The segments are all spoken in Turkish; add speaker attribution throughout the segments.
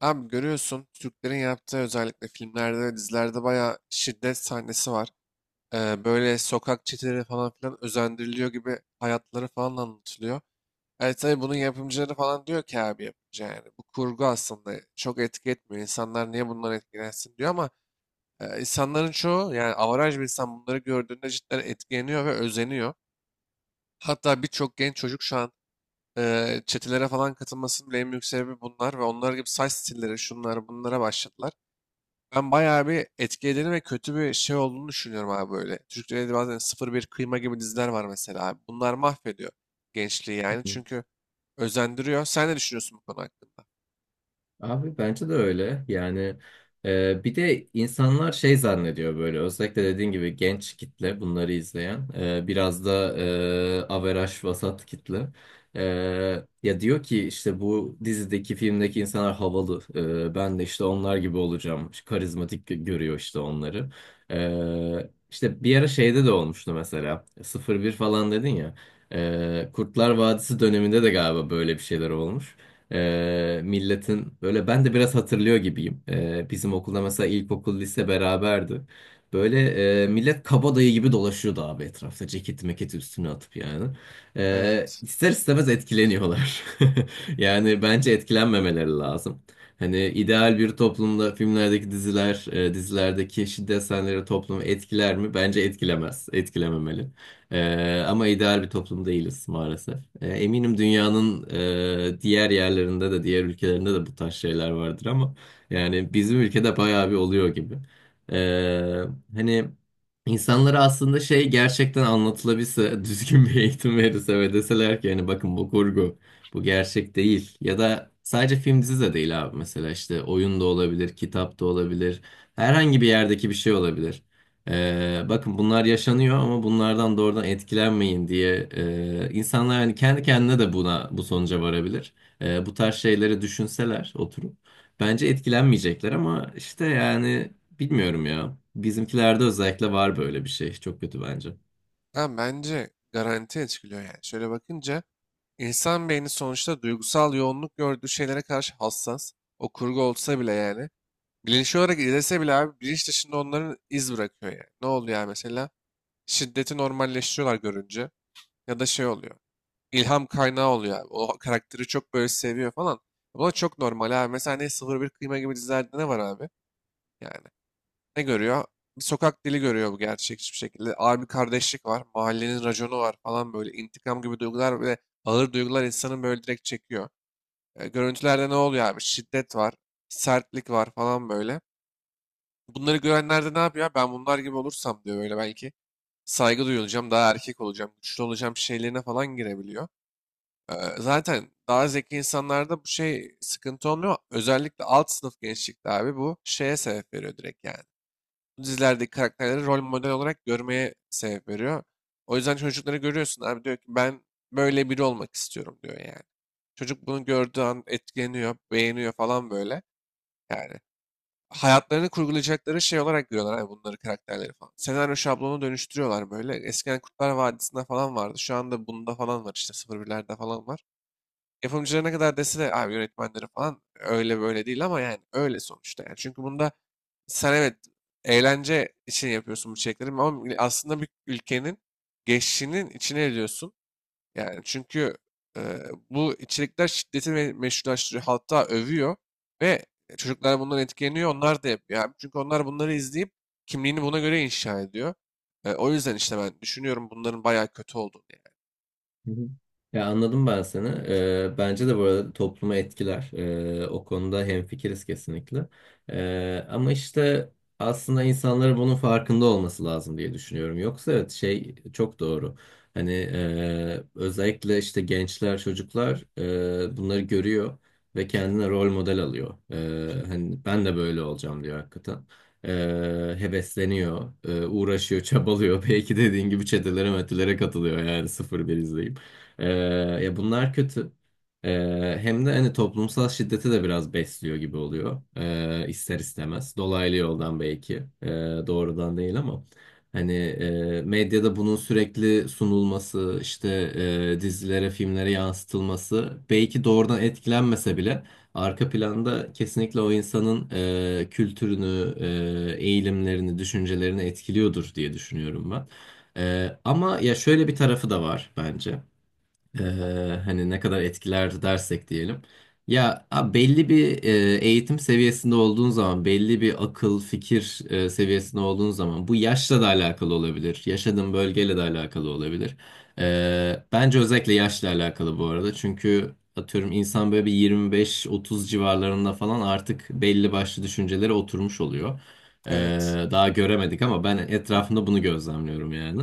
Speaker 1: Abi görüyorsun Türklerin yaptığı özellikle filmlerde ve dizilerde bayağı şiddet sahnesi var. Böyle sokak çeteleri falan filan özendiriliyor gibi hayatları falan anlatılıyor. Evet tabii bunun yapımcıları falan diyor ki abi yapımcı yani. Bu kurgu aslında çok etki etmiyor. İnsanlar niye bundan etkilensin diyor ama insanların çoğu yani avaraj bir insan bunları gördüğünde cidden etkileniyor ve özeniyor. Hatta birçok genç çocuk şu an çetelere falan katılmasının bile en büyük sebebi bunlar ve onlar gibi saç stilleri şunlar bunlara başladılar. Ben bayağı bir etkilerini ve kötü bir şey olduğunu düşünüyorum abi böyle. Türk Televizyonda bazen sıfır bir Kıyma gibi diziler var mesela abi. Bunlar mahvediyor gençliği yani
Speaker 2: Hı.
Speaker 1: çünkü özendiriyor. Sen ne düşünüyorsun bu konu hakkında?
Speaker 2: Abi bence de öyle. Yani bir de insanlar şey zannediyor böyle özellikle dediğin gibi genç kitle bunları izleyen biraz da averaj vasat kitle. E, Ya diyor ki işte bu dizideki filmdeki insanlar havalı. Ben de işte onlar gibi olacağım. İşte karizmatik görüyor işte onları. İşte bir ara şeyde de olmuştu mesela sıfır bir falan dedin ya. Kurtlar Vadisi döneminde de galiba böyle bir şeyler olmuş. Milletin böyle ben de biraz hatırlıyor gibiyim. Bizim okulda mesela ilkokul lise beraberdi. Böyle millet kabadayı gibi dolaşıyordu abi etrafta ceketi meketi üstüne atıp yani.
Speaker 1: Evet.
Speaker 2: İster istemez etkileniyorlar. Yani bence etkilenmemeleri lazım. Hani ideal bir toplumda filmlerdeki diziler, dizilerdeki şiddet sahneleri toplumu etkiler mi? Bence etkilemez, etkilememeli. Ama ideal bir toplum değiliz maalesef. Eminim dünyanın diğer yerlerinde de diğer ülkelerinde de bu tarz şeyler vardır ama yani bizim ülkede bayağı bir oluyor gibi. Ee, Hani insanlara aslında şey gerçekten anlatılabilse düzgün bir eğitim verirse ve deseler ki hani bakın bu kurgu bu gerçek değil ya da sadece film dizi de değil abi mesela işte oyun da olabilir kitap da olabilir herhangi bir yerdeki bir şey olabilir. Bakın bunlar yaşanıyor ama bunlardan doğrudan etkilenmeyin diye insanlar yani kendi kendine de buna bu sonuca varabilir. Bu tarz şeyleri düşünseler oturup bence etkilenmeyecekler ama işte yani bilmiyorum ya. Bizimkilerde özellikle var böyle bir şey. Çok kötü bence.
Speaker 1: Ha, bence garanti etkiliyor yani. Şöyle bakınca insan beyni sonuçta duygusal yoğunluk gördüğü şeylere karşı hassas. O kurgu olsa bile yani. Bilinçli olarak izlese bile abi bilinç dışında onların iz bırakıyor yani. Ne oluyor yani mesela? Şiddeti normalleştiriyorlar görünce ya da şey oluyor. İlham kaynağı oluyor abi. O karakteri çok böyle seviyor falan. Bu da çok normal abi. Mesela ne sıfır bir Kıyma gibi dizilerde ne var abi? Yani ne görüyor? Bir sokak dili görüyor bu gerçekçi bir şekilde. Abi kardeşlik var. Mahallenin raconu var falan böyle. İntikam gibi duygular ve ağır duygular insanın böyle direkt çekiyor. E, görüntülerde ne oluyor abi? Şiddet var. Sertlik var falan böyle. Bunları görenler de ne yapıyor? Ben bunlar gibi olursam diyor böyle belki saygı duyulacağım, daha erkek olacağım, güçlü olacağım şeylerine falan girebiliyor. Zaten daha zeki insanlarda bu şey sıkıntı olmuyor. Özellikle alt sınıf gençlikte abi bu şeye sebep veriyor direkt yani. Bu dizilerdeki karakterleri rol model olarak görmeye sebep veriyor. O yüzden çocukları görüyorsun abi diyor ki ben böyle biri olmak istiyorum diyor yani. Çocuk bunu gördüğü an etkileniyor, beğeniyor falan böyle. Yani hayatlarını kurgulayacakları şey olarak görüyorlar abi bunları karakterleri falan. Senaryo şablonu dönüştürüyorlar böyle. Eskiden Kurtlar Vadisi'nde falan vardı. Şu anda bunda falan var işte sıfır birlerde falan var. Yapımcılara ne kadar dese de abi yönetmenleri falan öyle böyle değil ama yani öyle sonuçta. Yani. Çünkü bunda sen evet eğlence için yapıyorsun bu çekleri ama aslında bir ülkenin geçişinin içine ediyorsun. Yani çünkü e, bu içerikler şiddeti meşrulaştırıyor. Hatta övüyor ve çocuklar bundan etkileniyor. Onlar da yapıyor abi. Çünkü onlar bunları izleyip kimliğini buna göre inşa ediyor. O yüzden işte ben düşünüyorum bunların bayağı kötü olduğunu yani.
Speaker 2: Hı hı. Ya anladım ben seni. Bence de bu arada toplumu etkiler. O konuda hemfikiriz kesinlikle. Ama işte aslında insanların bunun farkında olması lazım diye düşünüyorum. Yoksa evet şey çok doğru. Hani özellikle işte gençler, çocuklar bunları görüyor ve kendine rol model alıyor. Hani ben de böyle olacağım diyor hakikaten. Hevesleniyor, uğraşıyor, çabalıyor. Belki dediğin gibi çetelere metelere katılıyor yani sıfır bir izleyip. Ee, Ya bunlar kötü. Hem de hani toplumsal şiddeti de biraz besliyor gibi oluyor. İster istemez. Dolaylı yoldan belki. Ee, Doğrudan değil ama. Hani medyada bunun sürekli sunulması, işte dizilere, filmlere yansıtılması belki doğrudan etkilenmese bile arka planda kesinlikle o insanın kültürünü, eğilimlerini, düşüncelerini etkiliyordur diye düşünüyorum ben. Ama ya şöyle bir tarafı da var bence. Hani ne kadar etkiler dersek diyelim. Ya belli bir eğitim seviyesinde olduğun zaman, belli bir akıl, fikir seviyesinde olduğun zaman bu yaşla da alakalı olabilir. Yaşadığın bölgeyle de alakalı olabilir. Bence özellikle yaşla alakalı bu arada. Çünkü atıyorum insan böyle bir 25-30 civarlarında falan artık belli başlı düşüncelere oturmuş oluyor.
Speaker 1: Evet.
Speaker 2: Daha göremedik ama ben etrafında bunu gözlemliyorum yani.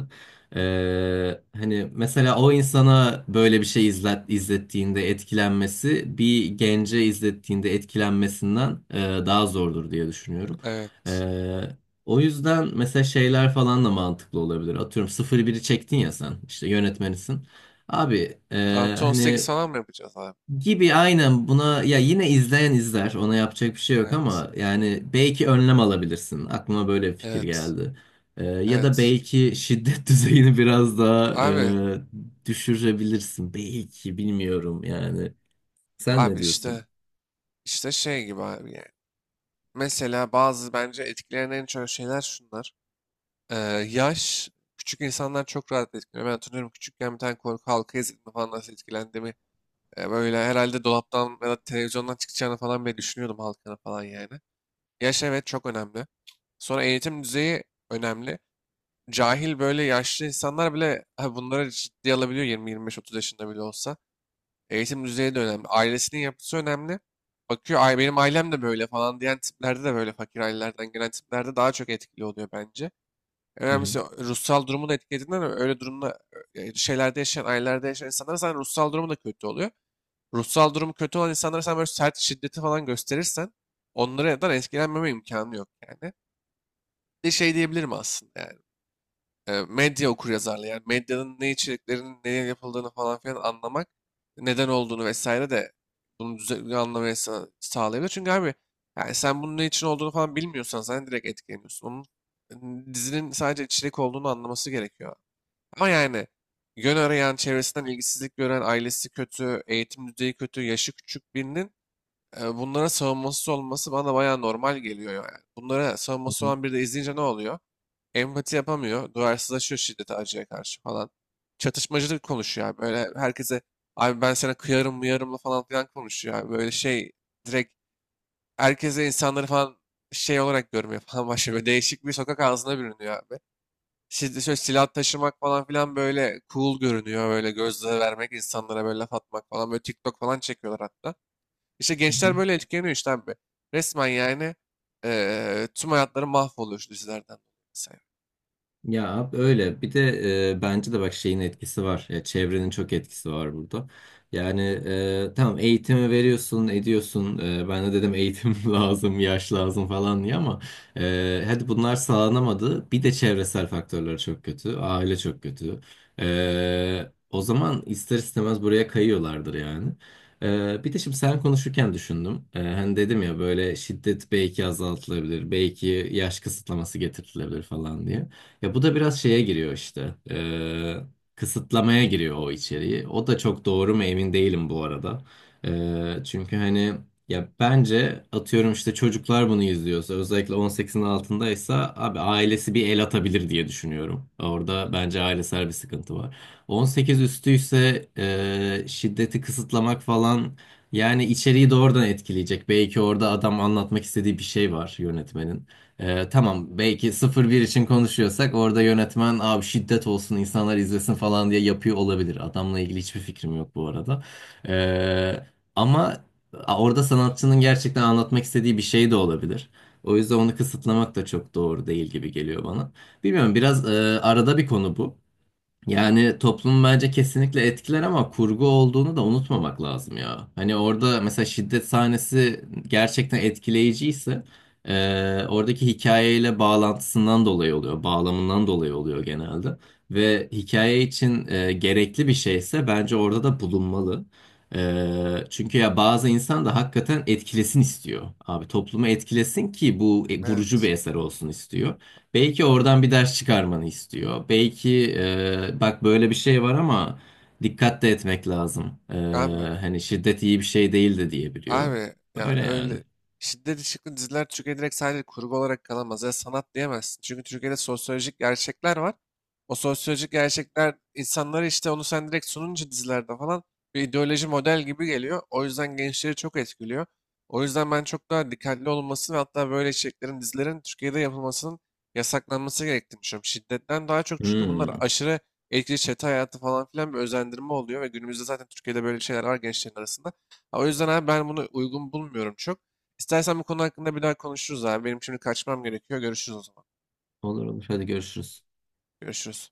Speaker 2: Hani mesela o insana böyle bir şey izlettiğinde etkilenmesi bir gence izlettiğinde etkilenmesinden daha zordur diye düşünüyorum.
Speaker 1: Evet.
Speaker 2: Ee, O yüzden mesela şeyler falan da mantıklı olabilir. Atıyorum sıfır biri çektin ya sen işte yönetmenisin. Abi
Speaker 1: Artı 18
Speaker 2: hani
Speaker 1: falan mı yapacağız abi?
Speaker 2: gibi aynen buna ya yine izleyen izler ona yapacak bir şey yok
Speaker 1: Evet.
Speaker 2: ama yani belki önlem alabilirsin aklıma böyle bir fikir
Speaker 1: Evet.
Speaker 2: geldi. Ya da
Speaker 1: Evet.
Speaker 2: belki şiddet düzeyini biraz daha
Speaker 1: Abi.
Speaker 2: düşürebilirsin belki bilmiyorum yani sen ne
Speaker 1: Abi işte,
Speaker 2: diyorsun?
Speaker 1: işte şey gibi abi yani. Mesela bazı bence etkileyen en çok şeyler şunlar. Ee, Yaş. Küçük insanlar çok rahat etkileniyor. Ben hatırlıyorum küçükken bir tane korku halka izlediğimde falan nasıl etkilendiğimi. Böyle herhalde dolaptan ya da televizyondan çıkacağını falan bile düşünüyordum halkana falan yani. Yaş evet çok önemli. Sonra eğitim düzeyi önemli. Cahil böyle yaşlı insanlar bile ha, bunları ciddiye alabiliyor 20-25-30 yaşında bile olsa. Eğitim düzeyi de önemli. Ailesinin yapısı önemli. Bakıyor ay benim ailem de böyle falan diyen tiplerde de böyle fakir ailelerden gelen tiplerde daha çok etkili oluyor bence. En
Speaker 2: Hı hı.
Speaker 1: önemlisi ruhsal durumu da etkilediğinden öyle durumda şeylerde yaşayan ailelerde yaşayan insanlar zaten ruhsal durumu da kötü oluyor. Ruhsal durumu kötü olan insanlara sen böyle sert şiddeti falan gösterirsen onlara da etkilenmeme imkanı yok yani. Bir de şey diyebilirim aslında yani medya okuryazarlığı yani medyanın ne içeriklerinin neye yapıldığını falan filan anlamak neden olduğunu vesaire de bunu düzenli anlamaya sağlayabilir. Çünkü abi yani sen bunun ne için olduğunu falan bilmiyorsan sen direkt etkileniyorsun. Onun dizinin sadece içerik olduğunu anlaması gerekiyor. Ama yani yön arayan, çevresinden ilgisizlik gören, ailesi kötü, eğitim düzeyi kötü, yaşı küçük birinin bunlara savunmasız olması bana bayağı normal geliyor yani. Bunlara
Speaker 2: Hı
Speaker 1: savunması
Speaker 2: hı.
Speaker 1: olan biri de izleyince ne oluyor? Empati yapamıyor. Duyarsızlaşıyor şiddete, acıya karşı falan. Çatışmacı konuşuyor abi. Böyle herkese abi ben sana kıyarım mıyarımla falan filan konuşuyor abi. Böyle şey direkt herkese insanları falan şey olarak görmüyor falan başlıyor. Böyle değişik bir sokak ağzına bürünüyor abi. Şimdi şöyle silah taşımak falan filan böyle cool görünüyor. Böyle gözle vermek insanlara böyle laf atmak falan. Böyle TikTok falan çekiyorlar hatta. İşte gençler böyle etkileniyor işte abi. Resmen yani tüm hayatları mahvoluyor şu dizilerden dolayı. Mesela.
Speaker 2: Ya abi öyle. Bir de bence de bak şeyin etkisi var. Ya, çevrenin çok etkisi var burada. Yani tamam eğitimi veriyorsun, ediyorsun. E, ben de dedim eğitim lazım, yaş lazım falan diye ama hadi bunlar sağlanamadı. Bir de çevresel faktörler çok kötü. Aile çok kötü. O zaman ister istemez buraya kayıyorlardır yani. Bir de şimdi sen konuşurken düşündüm. E, hani dedim ya böyle şiddet belki azaltılabilir, belki yaş kısıtlaması getirilebilir falan diye. Ya bu da biraz şeye giriyor işte. Kısıtlamaya giriyor o içeriği. O da çok doğru mu emin değilim bu arada. Çünkü hani ya bence atıyorum işte çocuklar bunu izliyorsa özellikle 18'in altındaysa abi ailesi bir el atabilir diye düşünüyorum. Orada bence ailesel bir sıkıntı var. 18 üstüyse şiddeti kısıtlamak falan yani içeriği doğrudan etkileyecek. Belki orada adam anlatmak istediği bir şey var yönetmenin. Tamam belki sıfır bir için konuşuyorsak orada yönetmen abi şiddet olsun insanlar izlesin falan diye yapıyor olabilir. Adamla ilgili hiçbir fikrim yok bu arada. Ee, Ama orada sanatçının gerçekten anlatmak istediği bir şey de olabilir. O yüzden onu kısıtlamak da çok doğru değil gibi geliyor bana. Bilmiyorum biraz arada bir konu bu. Yani toplum bence kesinlikle etkiler ama kurgu olduğunu da unutmamak lazım ya. Hani orada mesela şiddet sahnesi gerçekten etkileyiciyse oradaki hikayeyle bağlantısından dolayı oluyor, bağlamından dolayı oluyor genelde. Ve hikaye için gerekli bir şeyse bence orada da bulunmalı. Çünkü ya bazı insan da hakikaten etkilesin istiyor. Abi toplumu etkilesin ki bu vurucu
Speaker 1: Evet.
Speaker 2: bir eser olsun istiyor. Belki oradan bir ders çıkarmanı istiyor. Belki bak böyle bir şey var ama dikkat de etmek lazım.
Speaker 1: Abi.
Speaker 2: Hani şiddet iyi bir şey değil de diyebiliyor.
Speaker 1: Abi ya
Speaker 2: Böyle yani.
Speaker 1: öyle şiddet içerikli diziler Türkiye direkt sadece kurgu olarak kalamaz ya sanat diyemezsin. Çünkü Türkiye'de sosyolojik gerçekler var. O sosyolojik gerçekler insanlara işte onu sen direkt sununca dizilerde falan bir ideoloji model gibi geliyor. O yüzden gençleri çok etkiliyor. O yüzden ben çok daha dikkatli olunması ve hatta böyle içeriklerin dizilerin Türkiye'de yapılmasının yasaklanması gerektiğini düşünüyorum. Şiddetten daha çok çünkü bunlar
Speaker 2: Hmm.
Speaker 1: aşırı etkili çete hayatı falan filan bir özendirme oluyor ve günümüzde zaten Türkiye'de böyle şeyler var gençlerin arasında. Ha, o yüzden abi ben bunu uygun bulmuyorum çok. İstersen bu konu hakkında bir daha konuşuruz abi. Benim şimdi kaçmam gerekiyor. Görüşürüz o zaman.
Speaker 2: Olur olur, hadi görüşürüz.
Speaker 1: Görüşürüz.